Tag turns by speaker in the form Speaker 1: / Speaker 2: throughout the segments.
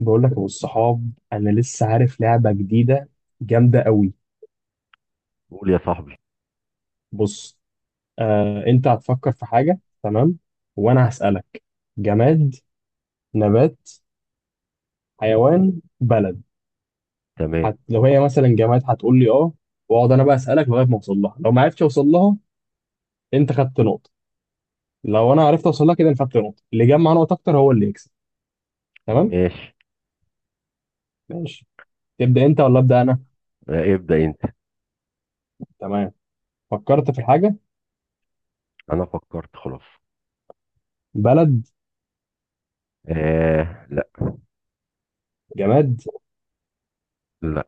Speaker 1: بقول لك والصحاب انا لسه عارف لعبه جديده جامده قوي.
Speaker 2: قول يا صاحبي.
Speaker 1: بص، آه انت هتفكر في حاجه تمام وانا هسالك: جماد، نبات، حيوان، بلد.
Speaker 2: تمام.
Speaker 1: لو هي مثلا جماد هتقول لي اه، واقعد انا بقى اسالك لغايه ما اوصل لها. لو ما عرفتش اوصل لها انت خدت نقطه، لو انا عرفت اوصل لها كده انا خدت نقطه. اللي جمع نقط اكتر هو اللي يكسب. تمام؟
Speaker 2: ماشي.
Speaker 1: ماشي. تبدا انت ولا ابدا انا؟
Speaker 2: آه، ابدأ انت.
Speaker 1: تمام، فكرت في الحاجه.
Speaker 2: انا فكرت خلاص.
Speaker 1: بلد؟
Speaker 2: آه، لا.
Speaker 1: جماد؟
Speaker 2: لا.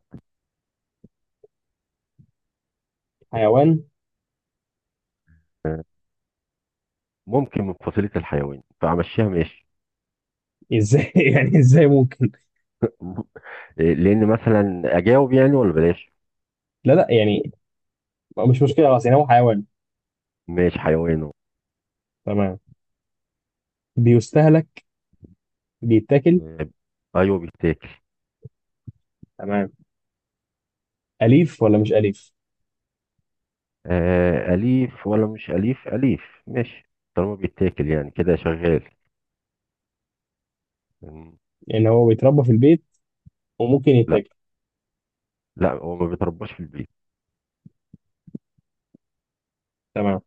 Speaker 1: حيوان؟
Speaker 2: آه، ممكن من فصيلة الحيوان فامشيها. ماشي.
Speaker 1: ازاي يعني ازاي ممكن؟
Speaker 2: م- لان مثلا اجاوب يعني، ولا بلاش؟
Speaker 1: لا يعني مش مشكلة، خلاص يعني هو حيوان.
Speaker 2: ماشي حيوان أهو.
Speaker 1: تمام. بيستهلك؟ بيتاكل؟
Speaker 2: آه، ايوه بيتاكل.
Speaker 1: تمام. أليف ولا مش أليف؟
Speaker 2: آه، اليف ولا مش اليف؟ اليف. ماشي. طالما بيتاكل يعني كده شغال. مم.
Speaker 1: يعني هو بيتربى في البيت وممكن
Speaker 2: لا،
Speaker 1: يتاكل؟
Speaker 2: لا هو ما بيترباش في البيت.
Speaker 1: تمام.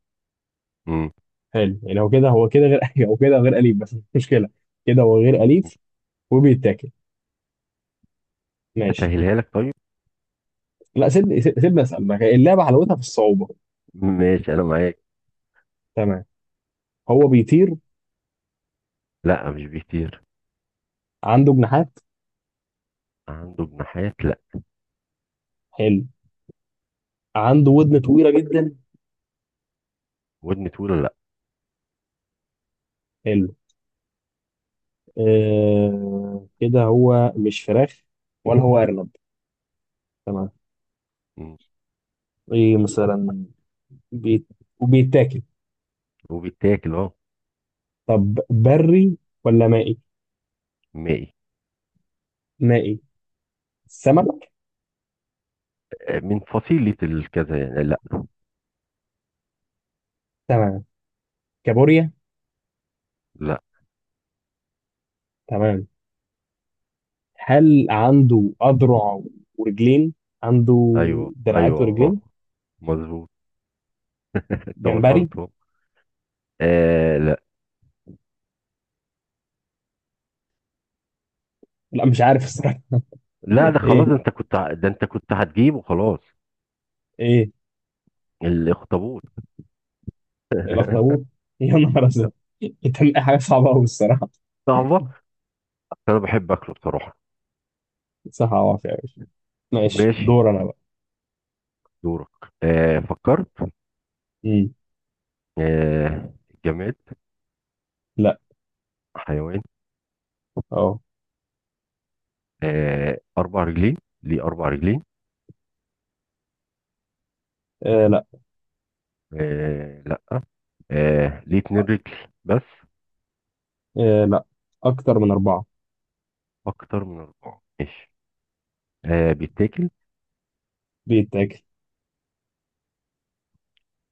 Speaker 2: مم.
Speaker 1: حلو، يعني هو كده غير هو كده غير أليف بس مش مشكلة. كده هو غير أليف وبيتاكل. ماشي.
Speaker 2: اسهلها لك طيب.
Speaker 1: لا سيبني سيبني أسأل، ما هي اللعبة حلاوتها في الصعوبة.
Speaker 2: ماشي انا معاك.
Speaker 1: تمام. هو بيطير؟
Speaker 2: لا مش بيطير.
Speaker 1: عنده جناحات؟
Speaker 2: عنده جناحات، لا.
Speaker 1: حلو. عنده ودن طويلة جدا؟
Speaker 2: ودن طويلة، لا.
Speaker 1: حلو. آه كده هو مش فراخ ولا هو أرنب. تمام.
Speaker 2: مم.
Speaker 1: ايه مثلا؟ بيت وبيتاكل؟
Speaker 2: وبيتاكل، اه.
Speaker 1: طب بري ولا مائي؟
Speaker 2: مائي.
Speaker 1: مائي؟ سمك؟
Speaker 2: آه، من فصيلة الكذا يعني، لا.
Speaker 1: تمام. كابوريا؟
Speaker 2: لا.
Speaker 1: تمام. هل عنده أذرع ورجلين؟ عنده
Speaker 2: ايوه
Speaker 1: دراعات
Speaker 2: ايوه آه،
Speaker 1: ورجلين؟
Speaker 2: مظبوط. انت وصلت
Speaker 1: جمبري؟
Speaker 2: أهو. آه، لا.
Speaker 1: لا مش عارف الصراحة.
Speaker 2: لا ده
Speaker 1: إيه؟
Speaker 2: خلاص، ده انت كنت هتجيبه خلاص.
Speaker 1: إيه؟
Speaker 2: الاخطبوط.
Speaker 1: الأخطبوط؟ يا نهار أسود، أنت من أي حاجة صعبة أوي الصراحة.
Speaker 2: صعبة، بس انا بحب اكله بصراحة.
Speaker 1: صح، عوافي يا باشا. ماشي،
Speaker 2: ماشي
Speaker 1: دور أنا بقى.
Speaker 2: دورك. آه فكرت.
Speaker 1: مم.
Speaker 2: آه، جماد؟
Speaker 1: لا.
Speaker 2: حيوان.
Speaker 1: أه.
Speaker 2: آه، اربع رجلين ليه اربع رجلين؟
Speaker 1: آه، لا.
Speaker 2: آه، لا. آه ليه اتنين رجل بس.
Speaker 1: آه، لا، أكتر من أربعة.
Speaker 2: اكتر من اربعة، ماشي. آه، بيتاكل.
Speaker 1: بيتاكل.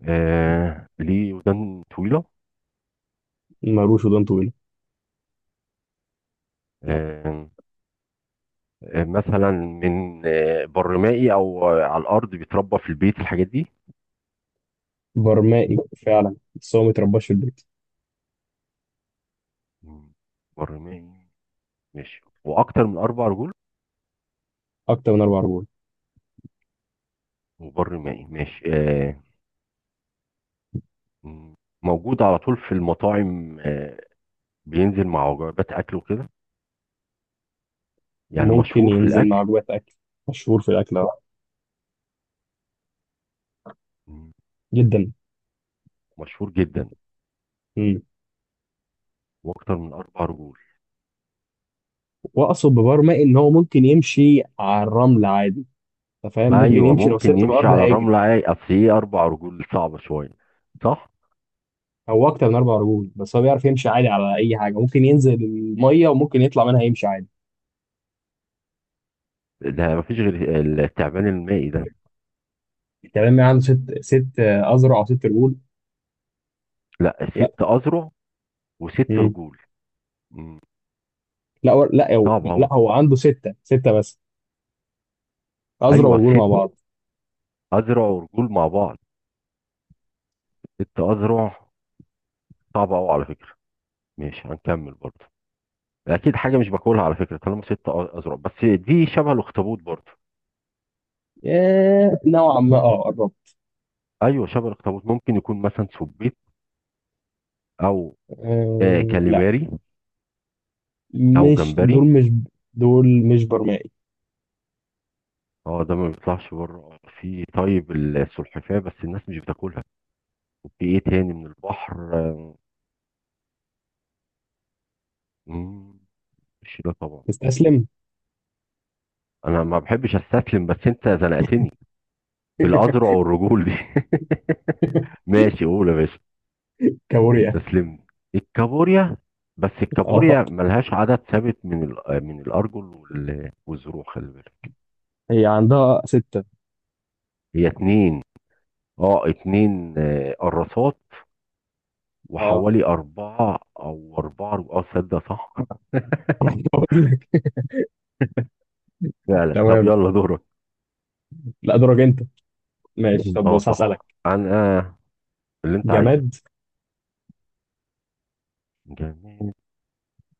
Speaker 2: آه ليه ودان طويلة.
Speaker 1: مالوش ودان طويلة، لا.
Speaker 2: آه. مثلا من برمائي أو على الأرض بيتربى في البيت الحاجات دي.
Speaker 1: برمائي فعلا، بس هو مترباش في البيت.
Speaker 2: مم. برمائي. ماشي وأكتر من أربع رجول.
Speaker 1: اكتر من اربع رجول.
Speaker 2: وبرمائي، ماشي آه. مم. موجود على طول في المطاعم، بينزل مع وجبات أكل وكده. يعني
Speaker 1: ممكن
Speaker 2: مشهور في
Speaker 1: ينزل
Speaker 2: الأكل.
Speaker 1: مع وجبات اكل، مشهور في الاكل ده
Speaker 2: مم.
Speaker 1: جدا.
Speaker 2: مشهور جدا
Speaker 1: امم.
Speaker 2: وأكتر من أربع رجول.
Speaker 1: واقصد ببرمائي ان هو ممكن يمشي على الرمل عادي، انت فاهم، ممكن
Speaker 2: أيوه
Speaker 1: يمشي لو
Speaker 2: ممكن
Speaker 1: سبته في
Speaker 2: يمشي
Speaker 1: الارض
Speaker 2: على
Speaker 1: هيجري.
Speaker 2: الرملة عادي، أصل إيه أربع رجول صعبة شوية، صح؟
Speaker 1: هو اكتر من اربع رجول بس هو بيعرف يمشي عادي على اي حاجه، ممكن ينزل الميه وممكن يطلع منها يمشي عادي.
Speaker 2: ده مفيش غير التعبان المائي ده.
Speaker 1: تمام، عنده ست آه، اذرع او ست رجول.
Speaker 2: لا،
Speaker 1: لا.
Speaker 2: ست اذرع وست
Speaker 1: امم.
Speaker 2: رجول. مم.
Speaker 1: لا هو،
Speaker 2: صعب
Speaker 1: لا
Speaker 2: اهو.
Speaker 1: هو عنده سته بس، اذرع
Speaker 2: ايوه
Speaker 1: ورجول مع
Speaker 2: ست
Speaker 1: بعض.
Speaker 2: اذرع ورجول مع بعض. ست اذرع. صعب اهو على فكره. ماشي هنكمل برضه. اكيد حاجه مش باكلها على فكره، طالما ست اذرع، بس دي شبه الاخطبوط برضه.
Speaker 1: آه، نوعا ما اه قربت.
Speaker 2: ايوه شبه الاخطبوط، ممكن يكون مثلا سبيط، او
Speaker 1: آه، لا،
Speaker 2: كاليماري، او
Speaker 1: مش
Speaker 2: جمبري.
Speaker 1: دول مش دول مش برمائي.
Speaker 2: اه، ده ما بيطلعش بره في، طيب السلحفاه، بس الناس مش بتاكلها. وفي ايه تاني من البحر، مم، مش ده طبعا.
Speaker 1: تستسلم؟
Speaker 2: انا ما بحبش استسلم، بس انت زنقتني بالاذرع والرجول دي. ماشي قول يا باشا.
Speaker 1: كابوريا.
Speaker 2: استسلمت. الكابوريا، بس
Speaker 1: اه.
Speaker 2: الكابوريا ملهاش عدد ثابت من من الارجل والزروع، خلي بالك.
Speaker 1: هي عندها ستة.
Speaker 2: هي اتنين. اه، اتنين قراصات،
Speaker 1: اه،
Speaker 2: وحوالي اربعة اه، تصدق؟ صح.
Speaker 1: بقول لك.
Speaker 2: فعلا. طب
Speaker 1: تمام.
Speaker 2: يلا دورك.
Speaker 1: لا، دورك انت. ماشي، طب
Speaker 2: اه
Speaker 1: بص
Speaker 2: صح.
Speaker 1: هسألك.
Speaker 2: انا اللي انت عايزه.
Speaker 1: جماد؟
Speaker 2: جماد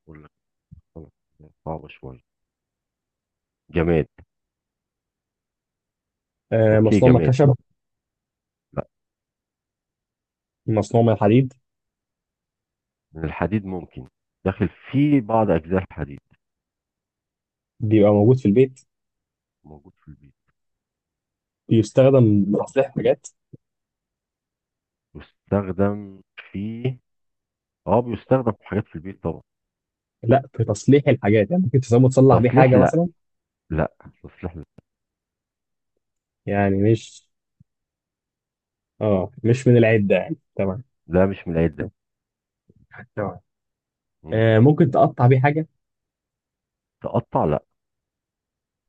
Speaker 2: ولا، صعبة شوية. جماد.
Speaker 1: آه،
Speaker 2: اوكي
Speaker 1: مصنوع من
Speaker 2: جماد.
Speaker 1: الخشب؟ مصنوع من الحديد؟
Speaker 2: من الحديد ممكن. داخل في بعض أجزاء الحديد.
Speaker 1: بيبقى موجود في البيت؟
Speaker 2: موجود في البيت.
Speaker 1: بيستخدم لتصليح حاجات؟
Speaker 2: يستخدم في اه بيستخدم في حاجات في البيت طبعا.
Speaker 1: لا في تصليح الحاجات، يعني ممكن تسمى تصلح بيه
Speaker 2: تصليح،
Speaker 1: حاجة
Speaker 2: لا.
Speaker 1: مثلا؟
Speaker 2: لا تصليح لا.
Speaker 1: يعني مش اه مش من العدة يعني؟ تمام.
Speaker 2: ده مش من العيد ده.
Speaker 1: تمام.
Speaker 2: مم.
Speaker 1: آه، ممكن تقطع بيه حاجة؟
Speaker 2: تقطع، لا.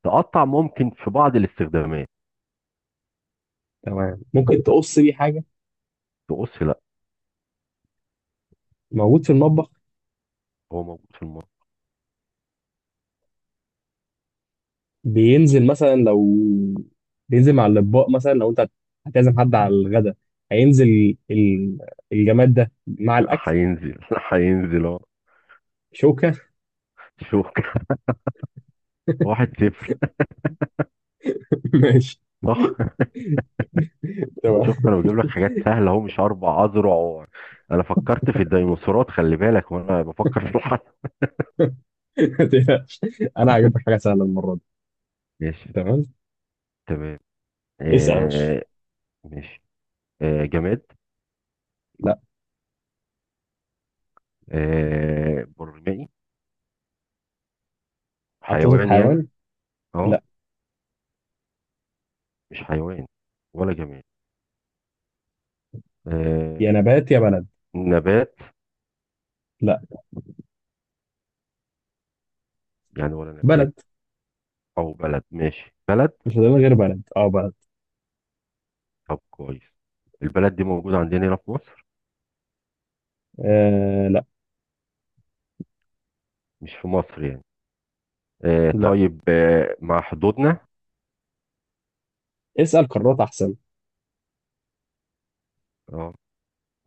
Speaker 2: تقطع ممكن في بعض الاستخدامات.
Speaker 1: تمام، ممكن تقص بيه حاجة؟
Speaker 2: تقص، لا.
Speaker 1: موجود في المطبخ؟
Speaker 2: هو موجود في المطبخ.
Speaker 1: بينزل مثلا لو، بينزل مع الاطباق مثلا لو انت هتعزم حد على الغدا هينزل الجماد ده مع الاكل.
Speaker 2: هينزل هينزل اهو.
Speaker 1: شوكه.
Speaker 2: شوف. واحد صفر.
Speaker 1: ماشي.
Speaker 2: صح.
Speaker 1: تمام.
Speaker 2: شفت انا بجيب لك حاجات سهله اهو، مش اربع اذرع انا فكرت في الديناصورات خلي بالك، وانا بفكر في الحرب.
Speaker 1: ما تقلقش. انا هجيب لك حاجه سهله المره دي.
Speaker 2: ماشي.
Speaker 1: تمام.
Speaker 2: تمام.
Speaker 1: اسأل يا باشا.
Speaker 2: آه، ماشي. آه، جماد؟
Speaker 1: لا.
Speaker 2: آه، برمائي؟
Speaker 1: هتقصد
Speaker 2: حيوان يعني؟
Speaker 1: حيوان؟
Speaker 2: اه.
Speaker 1: لا.
Speaker 2: مش حيوان ولا جماد؟ آه،
Speaker 1: يا نبات يا بلد.
Speaker 2: نبات
Speaker 1: لا.
Speaker 2: يعني؟ ولا نبات
Speaker 1: بلد.
Speaker 2: او بلد؟ ماشي بلد.
Speaker 1: مش فاضل غير بلد، اه بلد.
Speaker 2: طب كويس. البلد دي موجودة عندنا هنا في مصر؟
Speaker 1: آه لا.
Speaker 2: مش في مصر يعني. آه
Speaker 1: لا،
Speaker 2: طيب. مع حدودنا؟
Speaker 1: اسال قارات احسن.
Speaker 2: اه.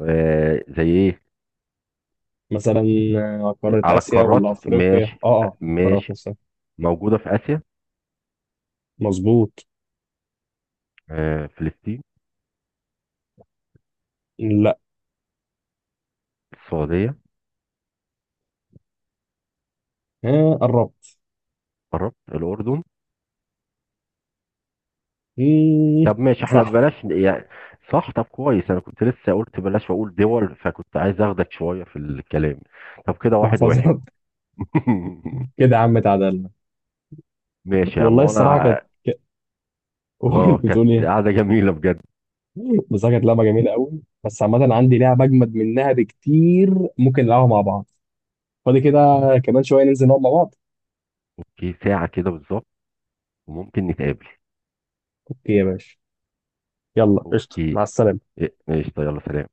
Speaker 2: آه، زي ايه؟
Speaker 1: مثلا آه، قاره
Speaker 2: على
Speaker 1: اسيا ولا
Speaker 2: القارات،
Speaker 1: افريقيا،
Speaker 2: ماشي.
Speaker 1: اه اه. قارات
Speaker 2: ماشي.
Speaker 1: مصر.
Speaker 2: موجودة في آسيا.
Speaker 1: مظبوط.
Speaker 2: آه، فلسطين.
Speaker 1: لا.
Speaker 2: السعودية.
Speaker 1: آه قربت.
Speaker 2: قربت، الأردن.
Speaker 1: مم.
Speaker 2: طب ماشي، احنا
Speaker 1: صح.
Speaker 2: ببلاش يعني. صح. طب كويس، انا كنت لسه قلت بلاش واقول دول، فكنت عايز اخدك شويه في الكلام. طب كده واحد
Speaker 1: محفظات
Speaker 2: واحد.
Speaker 1: كده يا عم اتعدلنا.
Speaker 2: ماشي يا عم،
Speaker 1: والله
Speaker 2: وانا
Speaker 1: الصراحه كانت، ك-
Speaker 2: اه
Speaker 1: كنت
Speaker 2: كانت
Speaker 1: بتقول ايه؟
Speaker 2: قعده جميله بجد.
Speaker 1: بصراحه كانت لعبه جميله قوي، بس عامه عندي لعبه اجمد منها بكتير ممكن نلعبها مع بعض. فاضي كده؟ كمان شويه ننزل نقعد مع بعض.
Speaker 2: اوكي ساعه كده بالظبط، وممكن نتقابل.
Speaker 1: اوكي يا باشا، يلا قشطه،
Speaker 2: اوكي.
Speaker 1: مع السلامه.
Speaker 2: إيه، ماشي طيب يلا سلام.